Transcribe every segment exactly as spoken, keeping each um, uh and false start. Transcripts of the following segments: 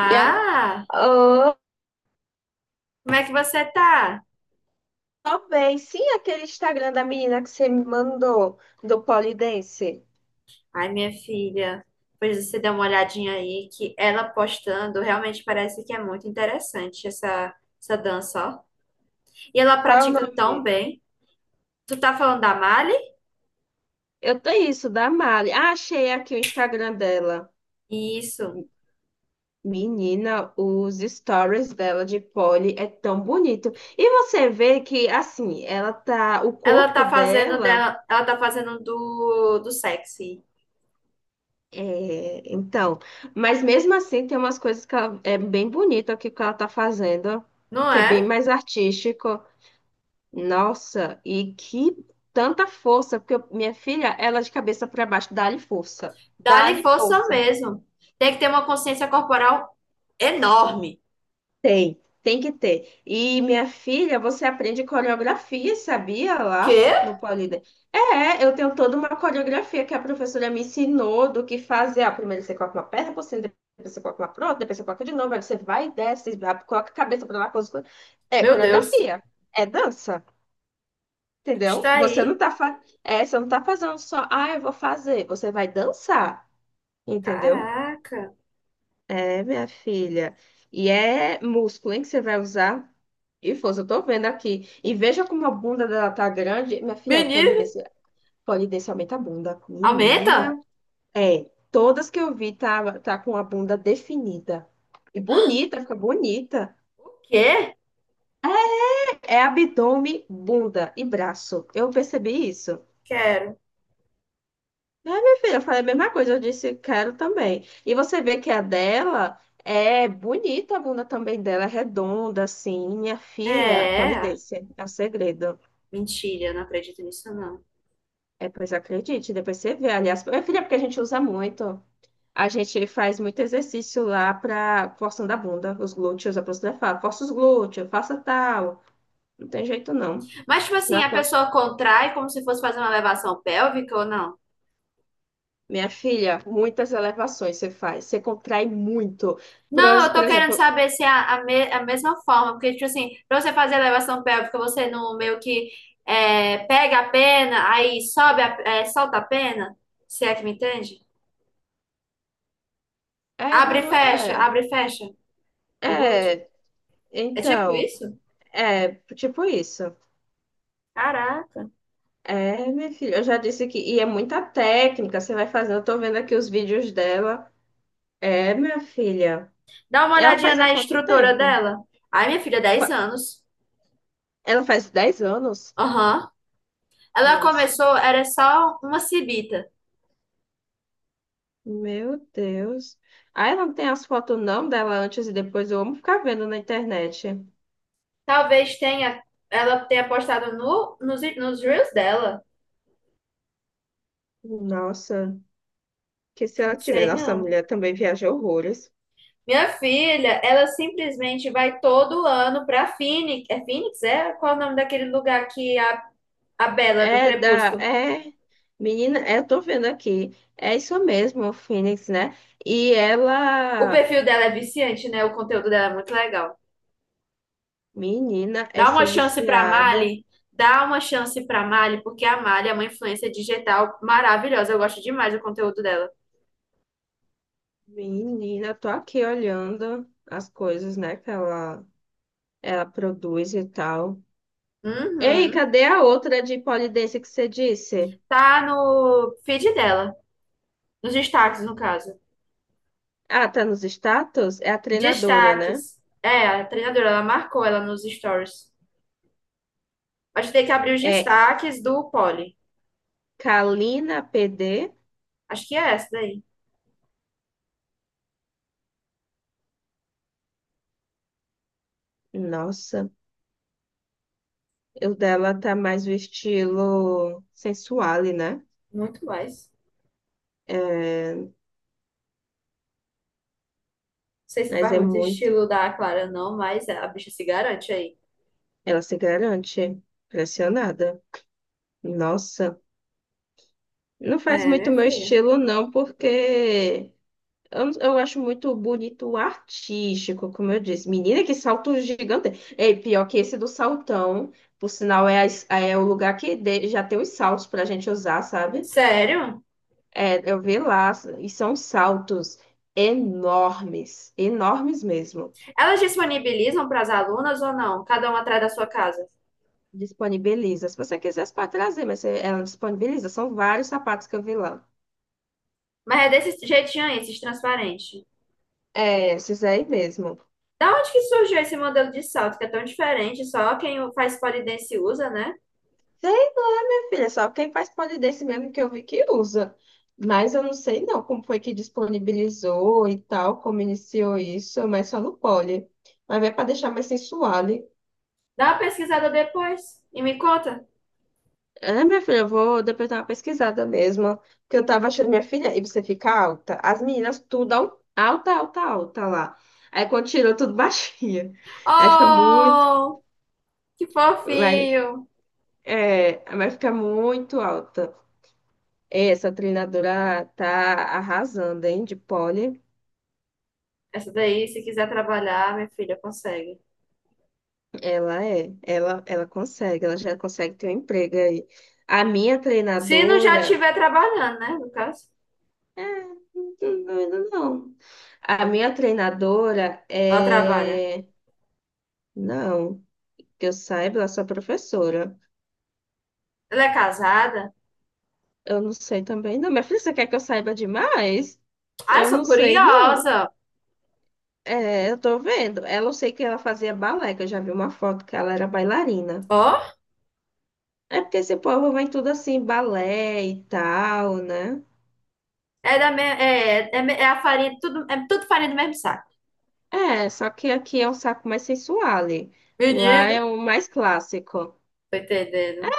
Yeah. Oh, Como é que você tá? talvez. Sim, aquele Instagram da menina que você me mandou, do Polidense. Ai, minha filha, pois você dá uma olhadinha aí que ela postando realmente parece que é muito interessante essa, essa dança, ó. E ela Qual é o pratica tão nome? bem. Tu tá falando da Mali? Eu tenho isso, da Mari. Ah, achei aqui o Instagram dela. Isso. Menina, os stories dela de poli é tão bonito. E você vê que, assim, ela tá. O Ela corpo tá fazendo dela. dela, ela tá fazendo do, do sexy, É, então. Mas mesmo assim, tem umas coisas que ela, é bem bonito aqui que ela tá fazendo, não que é bem é? mais artístico. Nossa, e que tanta força, porque eu- minha filha, ela é de cabeça para baixo, dá-lhe força, Dá-lhe dá-lhe força força. mesmo. Tem que ter uma consciência corporal enorme. Tem, tem que ter. E minha filha, você aprende coreografia, sabia lá Quê? no Polida? É, eu tenho toda uma coreografia que a professora me ensinou do que fazer. Ah, primeiro você coloca uma perna por cima, depois você coloca uma pro outra, depois você coloca de novo, aí você vai e desce, coloca a cabeça para lá, coloca... É Meu Deus. coreografia, é dança. Entendeu? Está Você não aí. tá, fa... é, você não tá fazendo só, ah, eu vou fazer. Você vai dançar, entendeu? Caraca. É, minha filha. E é músculo, hein, que você vai usar. E força, eu tô vendo aqui. E veja como a bunda dela tá grande. Minha filha, Menino. polidência, polidência aumenta a bunda. Aumenta? Menina, é. Todas que eu vi tá, tá com a bunda definida. E bonita, fica bonita. O quê? É abdômen, bunda e braço. Eu percebi isso. Quero. É, minha filha, eu falei a mesma coisa, eu disse quero também. E você vê que a dela é bonita, a bunda também dela é redonda, assim. Minha filha, É. polidência, é o segredo. Mentira, não acredito nisso, não. É, pois acredite, depois você vê. Aliás, minha filha, é porque a gente usa muito. A gente faz muito exercício lá pra forçando a bunda, os glúteos, a professora fala, força os glúteos, faça tal. Não tem jeito não. Mas, tipo assim, Na a tua- pessoa contrai como se fosse fazer uma elevação pélvica ou não? Minha filha, muitas elevações você faz, você contrai muito. Por, Não, eu por tô querendo exemplo, saber se é a, a, me- a mesma forma, porque, tipo assim, pra você fazer elevação pélvica, você não meio que é, pega a pena, aí sobe, a, é, solta a pena, se é que me entende? é, Abre e fecha, é. abre e fecha o glúteo. É, É tipo então, isso? é tipo isso. Caraca. É, minha filha, eu já disse que. E é muita técnica, você vai fazendo. Eu tô vendo aqui os vídeos dela. É, minha filha. Dá uma Ela olhadinha faz há na quanto estrutura tempo? dela. Ai, minha filha, dez Qua- anos. Ela faz dez anos? Aham. Ela Nossa, começou, era só uma cibita. meu Deus. Ah, ela não tem as fotos não dela antes e depois. Eu amo ficar vendo na internet. Talvez tenha, ela tenha postado no, nos, nos reels dela. Nossa, que se ela Não tiver. sei, Nossa, a não. mulher também viaja horrores. Minha filha, ela simplesmente vai todo ano pra Phoenix. É Phoenix, é? Qual é o nome daquele lugar que a, a Bela do É da, Crepúsculo? é, menina, é, eu tô vendo aqui, é isso mesmo, o Phoenix, né? E O ela, perfil dela é viciante, né? O conteúdo dela é muito legal. menina, é Dá uma ser chance pra viciada, Mali. Dá uma chance pra Mali, porque a Mali é uma influência digital maravilhosa. Eu gosto demais do conteúdo dela. menina, tô aqui olhando as coisas, né, que ela, ela produz e tal. Ei, Uhum. cadê a outra de polidência que você disse? Tá no feed dela, nos destaques, no caso. Ah, tá nos status? É a treinadora, né? Destaques. É, a treinadora, ela marcou ela nos stories. Acho que tem que abrir os É destaques do Poli. Kalina P D. Acho que é essa daí. Nossa, o dela tá mais o estilo sensual, né? Muito mais. Não É, sei se mas faz é muito muito. estilo da Clara, não, mas a bicha se garante aí. Ela se garante. Pressionada. Nossa. Não faz É, muito minha meu filha. estilo, não, porque eu, eu acho muito bonito o artístico, como eu disse. Menina, que salto gigante. É pior que esse do saltão. Por sinal, é, a es- é o lugar que de- já tem os saltos pra gente usar, sabe? Sério? É, eu vi lá, e são saltos enormes, enormes mesmo. Elas disponibilizam para as alunas ou não? Cada uma atrás da sua casa. Disponibiliza. Se você quiser, você pode trazer, mas você- ela disponibiliza. São vários sapatos que eu vi lá. Mas é desse jeitinho aí, esses transparentes. É, esses aí mesmo. Da onde que surgiu esse modelo de salto que é tão diferente? Só quem faz pole dance usa, né? Sei, minha filha, só quem faz polidense mesmo que eu vi que usa. Mas eu não sei não como foi que disponibilizou e tal, como iniciou isso, mas só no poli. Mas é para deixar mais sensual, hein? Dá uma pesquisada depois e me conta. É, minha filha, eu vou depois dar uma pesquisada mesmo. Porque eu tava achando, minha filha, e você fica alta. As meninas tudo al- alta, alta, alta lá. Aí quando tirou, tudo baixinha. Aí fica muito. Oh, que Vai, fofinho! é, vai ficar muito alta. É, essa treinadora tá arrasando, hein? De pole, Essa daí, se quiser trabalhar, minha filha consegue. ela é, ela, ela consegue, ela já consegue ter um emprego aí. A minha Se não já treinadora, estiver trabalhando, né? No caso. é, não, não, A minha treinadora Ela trabalha. é, não, que eu saiba, ela é só professora. Ela é casada? Eu não sei também, não. Minha filha, você quer que eu saiba demais? Ai, Eu sou não sei, não. curiosa. É, eu tô vendo. Ela, eu sei que ela fazia balé, que eu já vi uma foto que ela era bailarina. Ó, É porque esse povo vai tudo assim, balé e tal, né? é da me... é, é, é a farinha, tudo, é tudo farinha do mesmo saco. É, só que aqui é um saco mais sensual. Lá Menino, é o mais clássico. tô entendendo.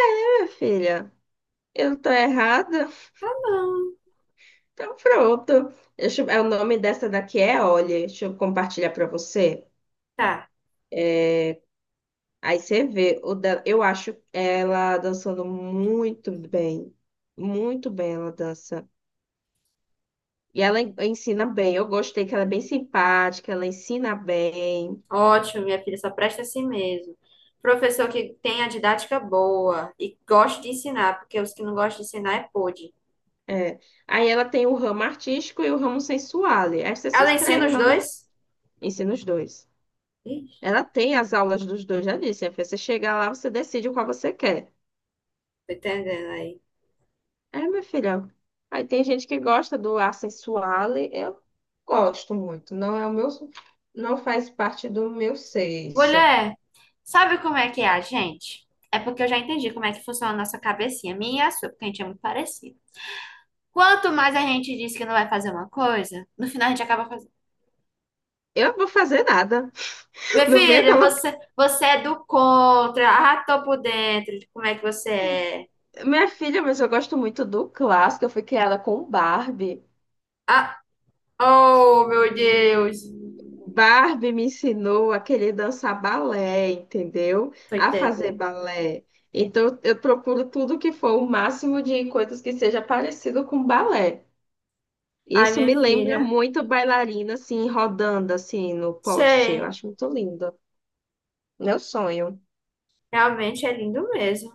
É, filha, eu tô errada? Tá bom. Então pronto. Deixa eu- é, o nome dessa daqui é Olha. Deixa eu compartilhar pra você. Tá. Aí você vê. O da- eu acho ela dançando muito bem. Muito bem ela dança. E ela en- ensina bem. Eu gostei que ela é bem simpática, ela ensina bem. Ótimo, minha filha, só presta assim mesmo. Professor que tem a didática boa e gosta de ensinar, porque os que não gostam de ensinar é pôde. É. Aí ela tem o ramo artístico e o ramo sensuale. Aí você se Ela ensina inscreve os lá no dois? ensina os dois. Ih, Ela tem as aulas dos dois, já disse. Aí você chegar lá, você decide qual você quer. tô entendendo aí. É, minha filha. Aí tem gente que gosta do ar sensuale. Eu gosto muito. Não é o meu, não faz parte do meu sexo. Mulher, sabe como é que é a gente? É porque eu já entendi como é que funciona a nossa cabecinha, minha e a sua, porque a gente é muito parecido. Quanto mais a gente diz que não vai fazer uma coisa, no final a gente acaba fazendo. Eu não vou fazer nada. Minha Não venha filha, colocar. você, você é do contra. Ah, tô por dentro de como é que você é. Minha filha, mas eu gosto muito do clássico. Eu fui criada com Barbie. Ah, Oh, meu Deus. Barbie me ensinou a querer dançar balé, entendeu? Tô A fazer entendendo. balé. Então, eu procuro tudo que for o máximo de coisas que seja parecido com balé. Ai, Isso minha me lembra filha. muito bailarina, assim, rodando, assim, no poste. Eu Sei. acho muito lindo. Meu sonho. Realmente é lindo mesmo.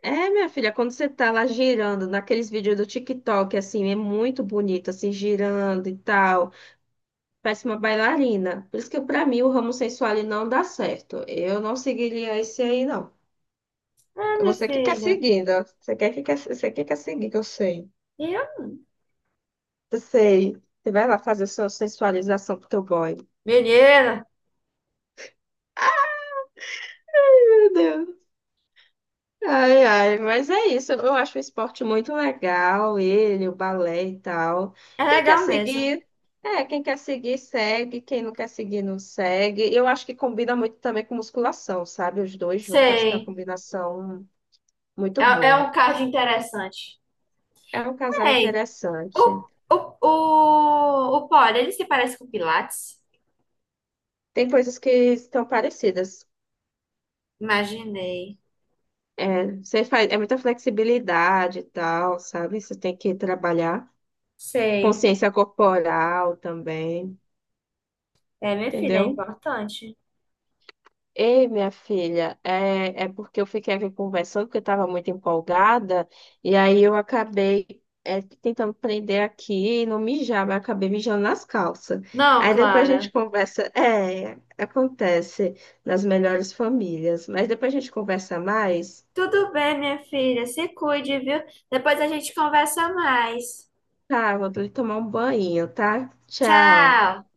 É, minha filha, quando você tá lá girando, naqueles vídeos do TikTok, assim, é muito bonito, assim, girando e tal. Parece uma bailarina. Por isso que, pra mim, o ramo sensual ele não dá certo. Eu não seguiria esse aí, não. É, É minha você que quer filha. seguir, ó. Você quer que quer, você que quer seguir, que eu sei. E eu? Eu sei. Você vai lá fazer sua sensualização pro teu boy. Menina, Meu Deus. Ai, ai, mas é isso. Eu acho o esporte muito legal, ele, o balé e tal. é Quem quer legal mesmo. seguir, é, quem quer seguir, segue. Quem não quer seguir, não segue. Eu acho que combina muito também com musculação, sabe? Os dois juntos, acho que é uma Sei. combinação muito É, é um boa. caso interessante. É um casal Ei, interessante. o, o, o, o Poli, ele se parece com o Pilates? Tem coisas que estão parecidas. Imaginei. É, você faz, é muita flexibilidade e tal, sabe? Você tem que trabalhar Sei. consciência corporal também, É, minha filha, é entendeu? importante. Ei, minha filha, é, é porque eu fiquei aqui conversando, porque eu estava muito empolgada, e aí eu acabei é, tentando prender aqui e não mijar, mas acabei mijando nas calças. Não, Aí depois a gente Clara. conversa. É, acontece nas melhores famílias, mas depois a gente conversa mais. Tudo bem, minha filha. Se cuide, viu? Depois a gente conversa mais. Tá, vou ter que tomar um banho, tá? Tchau. Tchau.